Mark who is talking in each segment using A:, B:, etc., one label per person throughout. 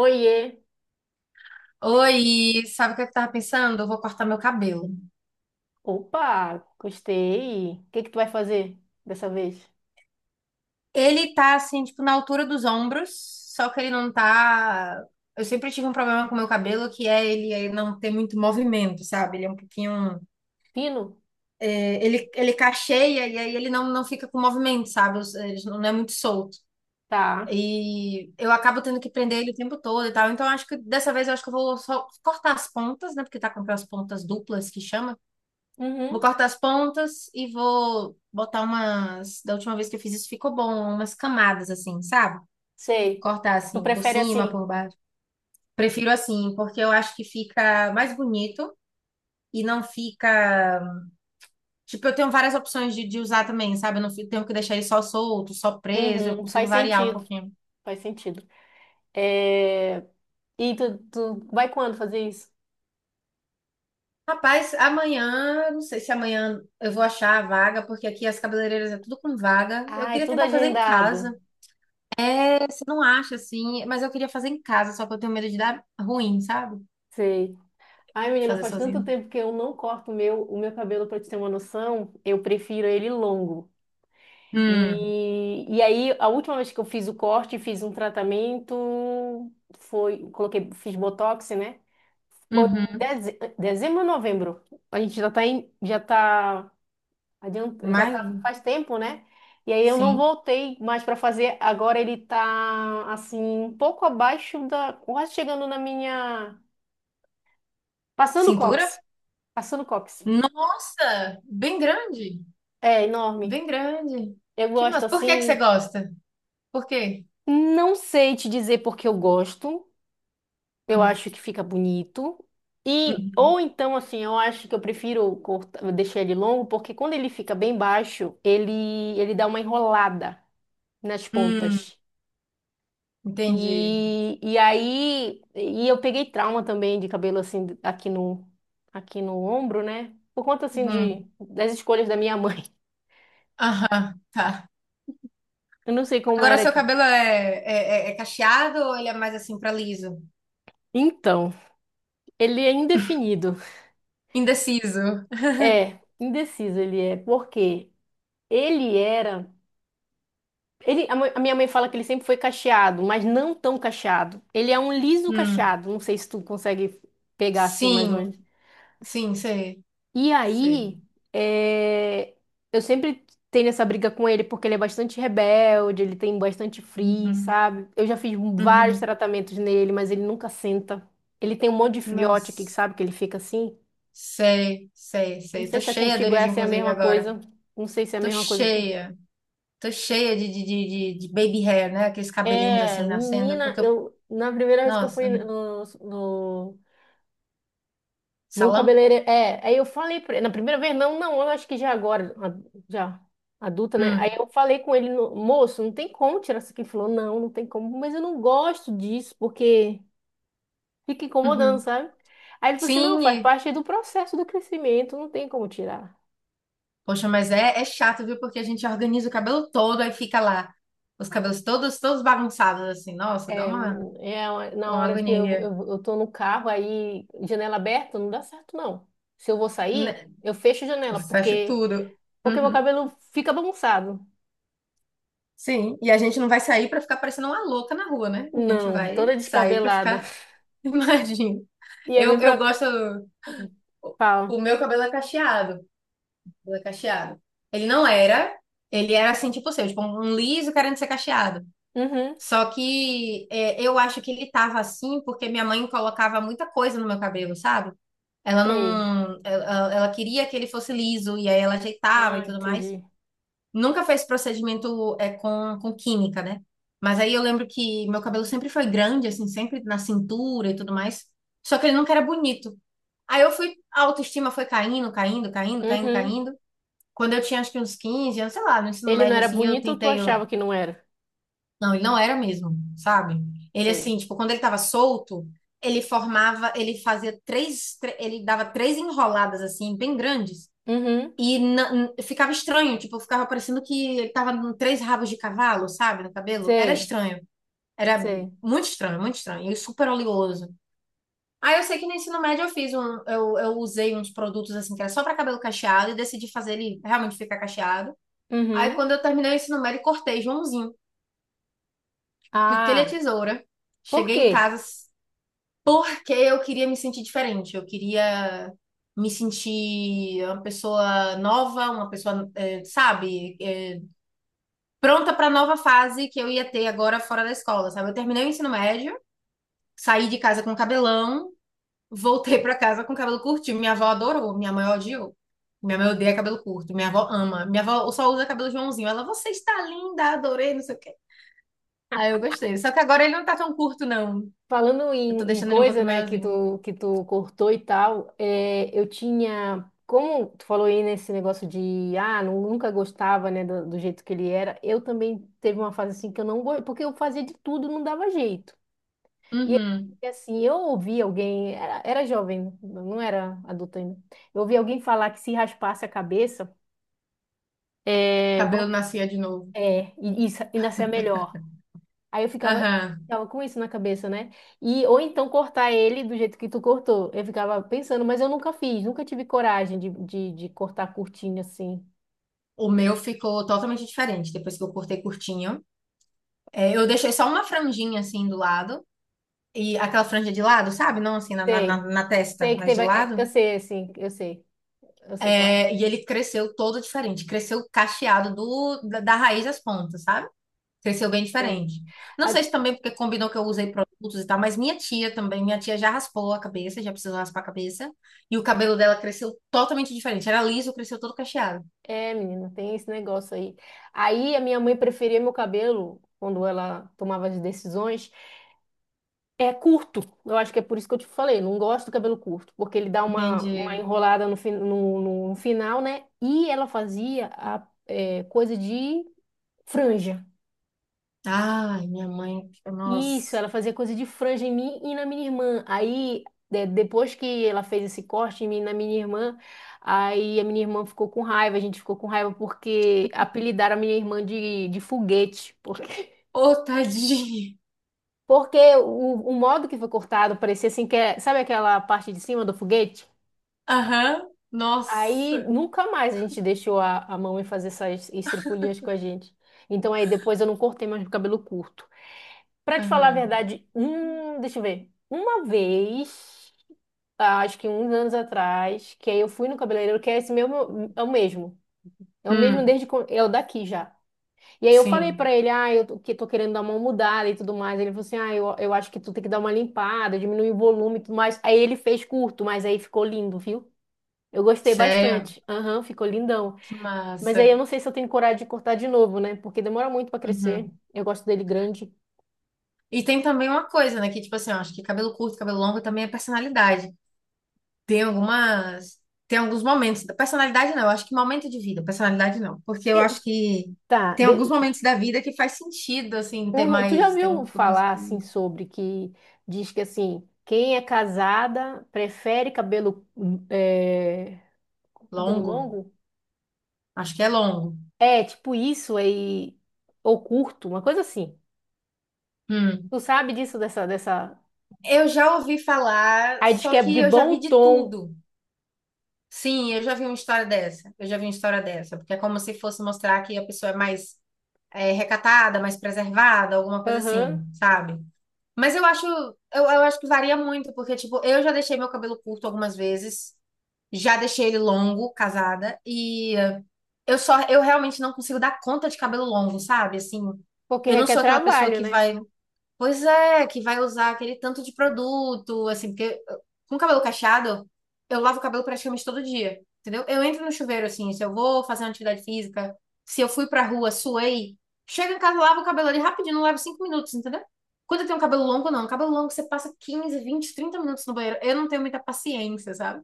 A: Oiê!
B: Oi, sabe o que eu tava pensando? Eu vou cortar meu cabelo.
A: Opa, gostei. O que que tu vai fazer dessa vez?
B: Ele tá assim, tipo, na altura dos ombros, só que ele não tá. Eu sempre tive um problema com meu cabelo, que é ele não ter muito movimento, sabe? Ele é um pouquinho.
A: Pino?
B: É, ele cacheia e aí ele não fica com movimento, sabe? Ele não é muito solto.
A: Tá.
B: E eu acabo tendo que prender ele o tempo todo e tal. Então, eu acho que eu vou só cortar as pontas, né? Porque tá com aquelas pontas duplas que chama. Vou
A: Uhum,
B: cortar as pontas e vou botar umas. Da última vez que eu fiz isso, ficou bom, umas camadas assim, sabe?
A: sei.
B: Cortar
A: Tu
B: assim, por
A: prefere
B: cima, por
A: assim?
B: baixo. Prefiro assim, porque eu acho que fica mais bonito e não fica. Tipo, eu tenho várias opções de usar também, sabe? Eu não fico- Tenho que deixar ele só solto, só preso, eu
A: Uhum,
B: consigo
A: faz
B: variar um
A: sentido.
B: pouquinho.
A: Faz sentido. É... E tu vai quando fazer isso?
B: Rapaz, amanhã, não sei se amanhã eu vou achar a vaga, porque aqui as cabeleireiras é tudo com vaga. Eu
A: Ah, é
B: queria
A: tudo
B: tentar fazer em
A: agendado.
B: casa. Você não acha assim, mas eu queria fazer em casa, só que eu tenho medo de dar ruim, sabe?
A: Sei. Ai, menina,
B: Fazer
A: faz tanto
B: sozinho.
A: tempo que eu não corto o meu cabelo. Pra te ter uma noção, eu prefiro ele longo.
B: Hum,
A: E aí, a última vez que eu fiz o corte, fiz um tratamento, foi, coloquei, fiz Botox, né? Bom, em
B: uhum.
A: dezembro ou novembro, a gente já tá em, já tá, adianta, já
B: Mas,
A: tá faz tempo, né? E aí eu não
B: sim.
A: voltei mais para fazer. Agora ele tá assim, um pouco abaixo da, quase chegando na minha, passando o
B: Cintura?
A: cóccix, passando o cóccix.
B: Nossa, bem grande,
A: É enorme.
B: bem grande.
A: Eu
B: Que mas
A: gosto
B: por que que você
A: assim,
B: gosta? Por quê?
A: não sei te dizer porque eu gosto. Eu
B: Hum,
A: acho que fica bonito. E
B: hum,
A: ou então, assim, eu acho que eu prefiro cortar, deixar ele longo, porque quando ele fica bem baixo, ele dá uma enrolada nas
B: Hum,
A: pontas.
B: entendi.
A: E aí, eu peguei trauma também de cabelo, assim, aqui no ombro, né? Por conta, assim,
B: Hum,
A: de, das escolhas da minha mãe.
B: aham, tá.
A: Eu não sei como
B: Agora
A: era
B: seu
A: que...
B: cabelo é, é, é cacheado ou ele é mais assim pra liso?
A: Então, ele é indefinido.
B: Indeciso.
A: É, indeciso ele é, porque ele era... Ele, a minha mãe fala que ele sempre foi cacheado, mas não tão cacheado. Ele é um liso
B: Hum,
A: cacheado. Não sei se tu consegue pegar assim mais ou
B: sim,
A: menos.
B: sim, sei,
A: E aí,
B: sei.
A: é, eu sempre tenho essa briga com ele porque ele é bastante rebelde, ele tem bastante frizz,
B: Uhum,
A: sabe? Eu já fiz vários
B: uhum.
A: tratamentos nele, mas ele nunca senta. Ele tem um monte de filhote aqui, que
B: Nossa,
A: sabe? Que ele fica assim.
B: sei, sei,
A: Não
B: sei.
A: sei
B: Tô
A: se é
B: cheia
A: contigo
B: deles,
A: essa é a
B: inclusive,
A: mesma
B: agora.
A: coisa. Não sei se é a
B: Tô
A: mesma coisa que tu.
B: cheia. Tô cheia de baby hair, né? Aqueles cabelinhos
A: É,
B: assim nascendo,
A: menina,
B: porque eu...
A: eu na primeira vez que eu fui
B: Nossa,
A: no no
B: salão?
A: cabeleireiro, é, aí eu falei pra ele, na primeira vez, não, não, eu acho que já agora, já, adulta, né? Aí
B: Hum,
A: eu falei com ele, moço, não tem como tirar isso aqui. Ele falou, não, não tem como, mas eu não gosto disso, porque fica incomodando,
B: uhum.
A: sabe? Aí ele falou assim, não,
B: Sim,
A: faz parte do processo do crescimento, não tem como tirar.
B: poxa, mas é, é chato, viu? Porque a gente organiza o cabelo todo, aí fica lá. Os cabelos todos bagunçados, assim. Nossa, dá
A: É, é uma- na
B: uma
A: hora de que
B: agonia.
A: eu tô no carro, aí, janela aberta, não dá certo, não. Se eu vou sair,
B: Né?
A: eu fecho a
B: Eu
A: janela,
B: fecho
A: porque,
B: tudo.
A: porque meu
B: Uhum.
A: cabelo fica bagunçado.
B: Sim, e a gente não vai sair pra ficar parecendo uma louca na rua, né? A gente
A: Não,
B: vai
A: toda
B: sair pra
A: descabelada.
B: ficar imagino.
A: E é
B: Eu,
A: bem pro...
B: eu gosto. O
A: Fala.
B: o meu cabelo é cacheado. Cabelo é cacheado. Ele não era. Ele era assim, tipo o seu, tipo um liso querendo ser cacheado.
A: Uhum,
B: Só que é, eu acho que ele tava assim porque minha mãe colocava muita coisa no meu cabelo, sabe? Ela
A: sei.
B: não. Ela queria que ele fosse liso e aí ela ajeitava e
A: Ah,
B: tudo mais.
A: entendi.
B: Nunca fez procedimento é, com química, né? Mas aí eu lembro que meu cabelo sempre foi grande, assim, sempre na cintura e tudo mais. Só que ele nunca era bonito. Aí eu fui, a autoestima foi caindo, caindo, caindo, caindo,
A: Uhum.
B: caindo. Quando eu tinha acho que uns 15, eu sei lá, no ensino
A: Ele não
B: médio
A: era
B: assim,
A: bonito ou tu
B: eu...
A: achava que não era?
B: Não, ele não era mesmo, sabe? Ele
A: Sei.
B: assim, tipo, quando ele tava solto, ele formava, ele dava três enroladas assim, bem grandes.
A: Uhum,
B: E ficava estranho, tipo, ficava parecendo que ele tava com três rabos de cavalo, sabe, no cabelo. Era
A: sei,
B: estranho. Era
A: sei.
B: muito estranho, muito estranho. E super oleoso. Aí eu sei que no ensino médio eu fiz um, eu usei uns produtos assim que era só para cabelo cacheado e decidi fazer ele realmente ficar cacheado. Aí
A: Uhum.
B: quando eu terminei o ensino médio, cortei Joãozinho, piquei a
A: Ah,
B: tesoura,
A: por
B: cheguei em
A: quê?
B: casa porque eu queria me sentir diferente, eu queria me sentir uma pessoa nova, uma pessoa, sabe, pronta para a nova fase que eu ia ter agora fora da escola, sabe? Eu terminei o ensino médio, saí de casa com cabelão, voltei pra casa com cabelo curtinho. Minha avó adorou, minha mãe odiou. Minha mãe odeia cabelo curto, minha avó ama. Minha avó só usa cabelo Joãozinho. Ela, você está linda, adorei, não sei o quê. Aí eu gostei. Só que agora ele não tá tão curto, não.
A: Falando
B: Eu tô
A: em, em
B: deixando ele um
A: coisa,
B: pouquinho
A: né,
B: maiorzinho.
A: que tu cortou e tal, é, eu tinha... Como tu falou aí nesse negócio de, ah, nunca gostava, né, do, do jeito que ele era, eu também teve uma fase assim que eu não gostei, porque eu fazia de tudo, não dava jeito. E
B: Uhum.
A: e assim, eu ouvi alguém, era, era jovem, não era adulto ainda. Eu ouvi alguém falar que se raspasse a cabeça, é,
B: Cabelo
A: vão,
B: nascia de novo.
A: é, e, e nascer melhor. Aí eu ficava,
B: Aham.
A: ficava com isso na cabeça, né? E ou então cortar ele do jeito que tu cortou. Eu ficava pensando, mas eu nunca fiz, nunca tive coragem de cortar curtinho assim.
B: O meu ficou totalmente diferente depois que eu cortei curtinho. É, eu deixei só uma franjinha assim do lado. E aquela franja de lado, sabe? Não assim na, na, na
A: Sei,
B: na testa,
A: sei que
B: mas de
A: teve, é, eu
B: lado.
A: sei, assim, eu sei qual é.
B: É, e ele cresceu todo diferente, cresceu cacheado da raiz às pontas, sabe? Cresceu bem
A: Sei.
B: diferente. Não sei se também porque combinou que eu usei produtos e tal, mas minha tia também, minha tia já raspou a cabeça, já precisou raspar a cabeça, e o cabelo dela cresceu totalmente diferente. Era liso, cresceu todo cacheado.
A: É, menina, tem esse negócio aí. Aí a minha mãe preferia meu cabelo, quando ela tomava as decisões, é curto. Eu acho que é por isso que eu te falei, não gosto do cabelo curto, porque ele dá uma
B: Entendi.
A: enrolada no, no, no final, né? E ela fazia a, é, coisa de franja.
B: Ai, minha mãe,
A: Isso,
B: nossa.
A: ela fazia coisa de franja em mim e na minha irmã. Aí, depois que ela fez esse corte em mim e na minha irmã, aí a minha irmã ficou com raiva, a gente ficou com raiva porque apelidaram a minha irmã de foguete. Porque,
B: Ô, tadinha.
A: porque o modo que foi cortado parecia assim que é, sabe aquela parte de cima do foguete?
B: Aham,
A: Aí
B: nossa.
A: nunca mais a gente deixou a mamãe fazer essas estripulias com a gente. Então aí depois eu não cortei mais o cabelo curto. Pra te falar a
B: Aham.
A: verdade, deixa eu ver. Uma vez. Ah, acho que uns anos atrás, que aí eu fui no cabeleireiro, que é esse mesmo, é o mesmo. É o mesmo
B: Hum,
A: é o daqui já. E aí eu falei
B: sim.
A: pra ele, ah, que tô querendo dar uma mudada e tudo mais. Ele falou assim, ah, eu acho que tu tem que dar uma limpada, diminuir o volume e tudo mais. Aí ele fez curto, mas aí ficou lindo, viu? Eu gostei
B: Sério?
A: bastante. Aham, ficou lindão.
B: Que
A: Mas aí
B: massa.
A: eu não sei se eu tenho coragem de cortar de novo, né? Porque demora muito pra crescer.
B: Uhum.
A: Eu gosto dele grande.
B: E tem também uma coisa, né? Que, tipo assim, eu acho que cabelo curto, cabelo longo também é personalidade. Tem algumas. Tem alguns momentos. Personalidade não, eu acho que momento de vida, personalidade não. Porque eu
A: E,
B: acho que
A: tá,
B: tem alguns momentos da vida que faz sentido, assim, ter
A: uhum. Tu já
B: mais. Ter um
A: ouviu
B: cabelo mais
A: falar assim sobre que diz que assim, quem é casada prefere cabelo, é, cabelo
B: longo.
A: longo?
B: Acho que é longo.
A: É, tipo isso aí ou curto, uma coisa assim.
B: Hum.
A: Tu sabe disso dessa
B: Eu já ouvi falar,
A: Aí diz
B: só
A: que é
B: que
A: de
B: eu já
A: bom
B: vi de
A: tom.
B: tudo. Sim, eu já vi uma história dessa. Eu já vi uma história dessa. Porque é como se fosse mostrar que a pessoa é mais. Eh, recatada, mais preservada, alguma coisa assim,
A: Aham.
B: sabe? Mas eu acho, eu acho que varia muito, porque, tipo, eu já deixei meu cabelo curto algumas vezes, já deixei ele longo, casada, e eh, eu realmente não consigo dar conta de cabelo longo, sabe? Assim,
A: Porque
B: eu não
A: requer
B: sou aquela pessoa
A: trabalho,
B: que
A: né?
B: vai. Pois é, que vai usar aquele tanto de produto, assim, com cabelo cacheado, eu lavo o cabelo praticamente todo dia, entendeu? Eu entro no chuveiro, assim, se eu vou fazer uma atividade física, se eu fui pra rua, suei, chego em casa, lavo o cabelo ali rapidinho, não levo 5 minutos, entendeu? Quando eu tenho um cabelo longo, não. Cabelo longo, você passa 15, 20, 30 minutos no banheiro. Eu não tenho muita paciência, sabe?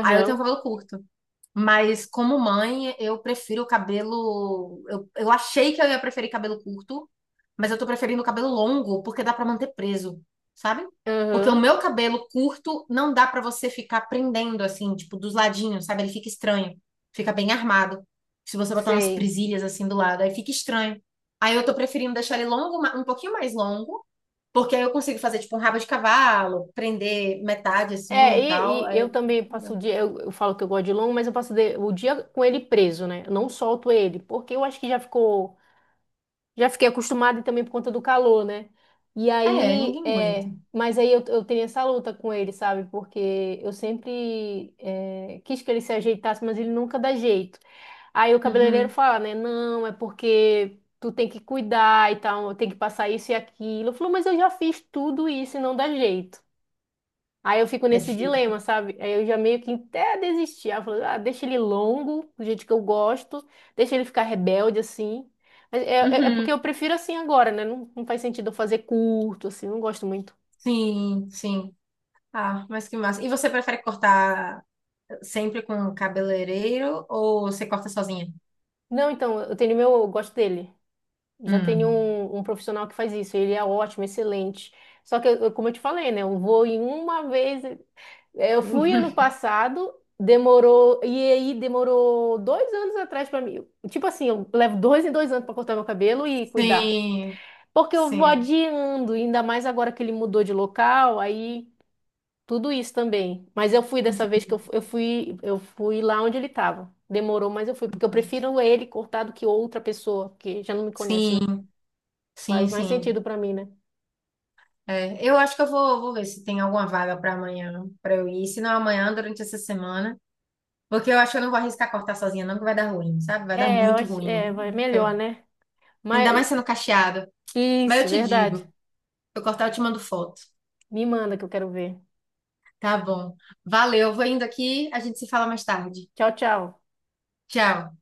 B: Aí eu tenho um cabelo curto. Mas como mãe, eu prefiro o cabelo. Eu achei que eu ia preferir cabelo curto, mas eu tô preferindo cabelo longo, porque dá pra manter preso, sabe? Porque o
A: Aham.
B: meu cabelo curto não dá pra você ficar prendendo assim, tipo, dos ladinhos, sabe? Ele fica estranho, fica bem armado. Se você botar umas
A: Sei.
B: presilhas assim do lado, aí fica estranho. Aí eu tô preferindo deixar ele longo, um pouquinho mais longo, porque aí eu consigo fazer tipo um rabo de cavalo, prender metade
A: É,
B: assim e tal.
A: e
B: Aí
A: eu
B: eu...
A: também passo o dia, eu falo que eu gosto de longo, mas eu passo o dia com ele preso, né? Eu não solto ele, porque eu acho que já ficou. Já fiquei acostumada e também por conta do calor, né? E
B: É,
A: aí,
B: ninguém aguenta.
A: é, mas aí eu tenho essa luta com ele, sabe? Porque eu sempre é, quis que ele se ajeitasse, mas ele nunca dá jeito. Aí o cabeleireiro
B: Uhum.
A: fala, né? Não, é porque tu tem que cuidar e tal, tem que passar isso e aquilo. Eu falo, mas eu já fiz tudo isso e não dá jeito. Aí eu fico
B: É
A: nesse dilema,
B: difícil.
A: sabe? Aí eu já meio que até desisti. Aí eu falo, ah, deixa ele longo, do jeito que eu gosto, deixa ele ficar rebelde assim. Mas é, é porque
B: Uhum.
A: eu prefiro assim agora, né? Não, não faz sentido eu fazer curto, assim, não gosto muito.
B: Sim, sim. Ah, mas que massa. E você prefere cortar sempre com cabeleireiro ou você corta sozinha?
A: Não, então, eu tenho meu, eu gosto dele. Já tenho
B: Hum.
A: um profissional que faz isso, ele é ótimo, excelente. Só que, como eu te falei, né? Eu vou em uma vez. Eu fui ano passado, demorou. E aí demorou 2 anos atrás pra mim. Tipo assim, eu levo 2 em 2 anos pra cortar meu cabelo e cuidar.
B: Sim,
A: Porque eu vou
B: sim.
A: adiando, ainda mais agora que ele mudou de local, aí tudo isso também. Mas eu fui dessa vez que eu,
B: Entendi.
A: fu- eu fui, eu fui lá onde ele tava. Demorou, mas eu fui, porque eu prefiro ele cortar do que outra pessoa, porque já não me conhece,
B: Sim,
A: né?
B: sim,
A: Faz mais
B: sim.
A: sentido pra mim, né?
B: É, eu acho que eu vou, vou ver se tem alguma vaga para amanhã, para eu ir. Se não amanhã, durante essa semana. Porque eu acho que eu não vou arriscar cortar sozinha, não, que vai dar ruim, sabe? Vai dar
A: É, eu
B: muito
A: acho,
B: ruim.
A: é, vai melhor,
B: Então,
A: né?
B: ainda
A: Mas
B: mais sendo cacheado. Mas eu
A: isso,
B: te digo,
A: verdade.
B: se eu cortar, eu te mando foto.
A: Me manda que eu quero ver.
B: Tá bom. Valeu, vou indo aqui, a gente se fala mais tarde.
A: Tchau, tchau.
B: Tchau.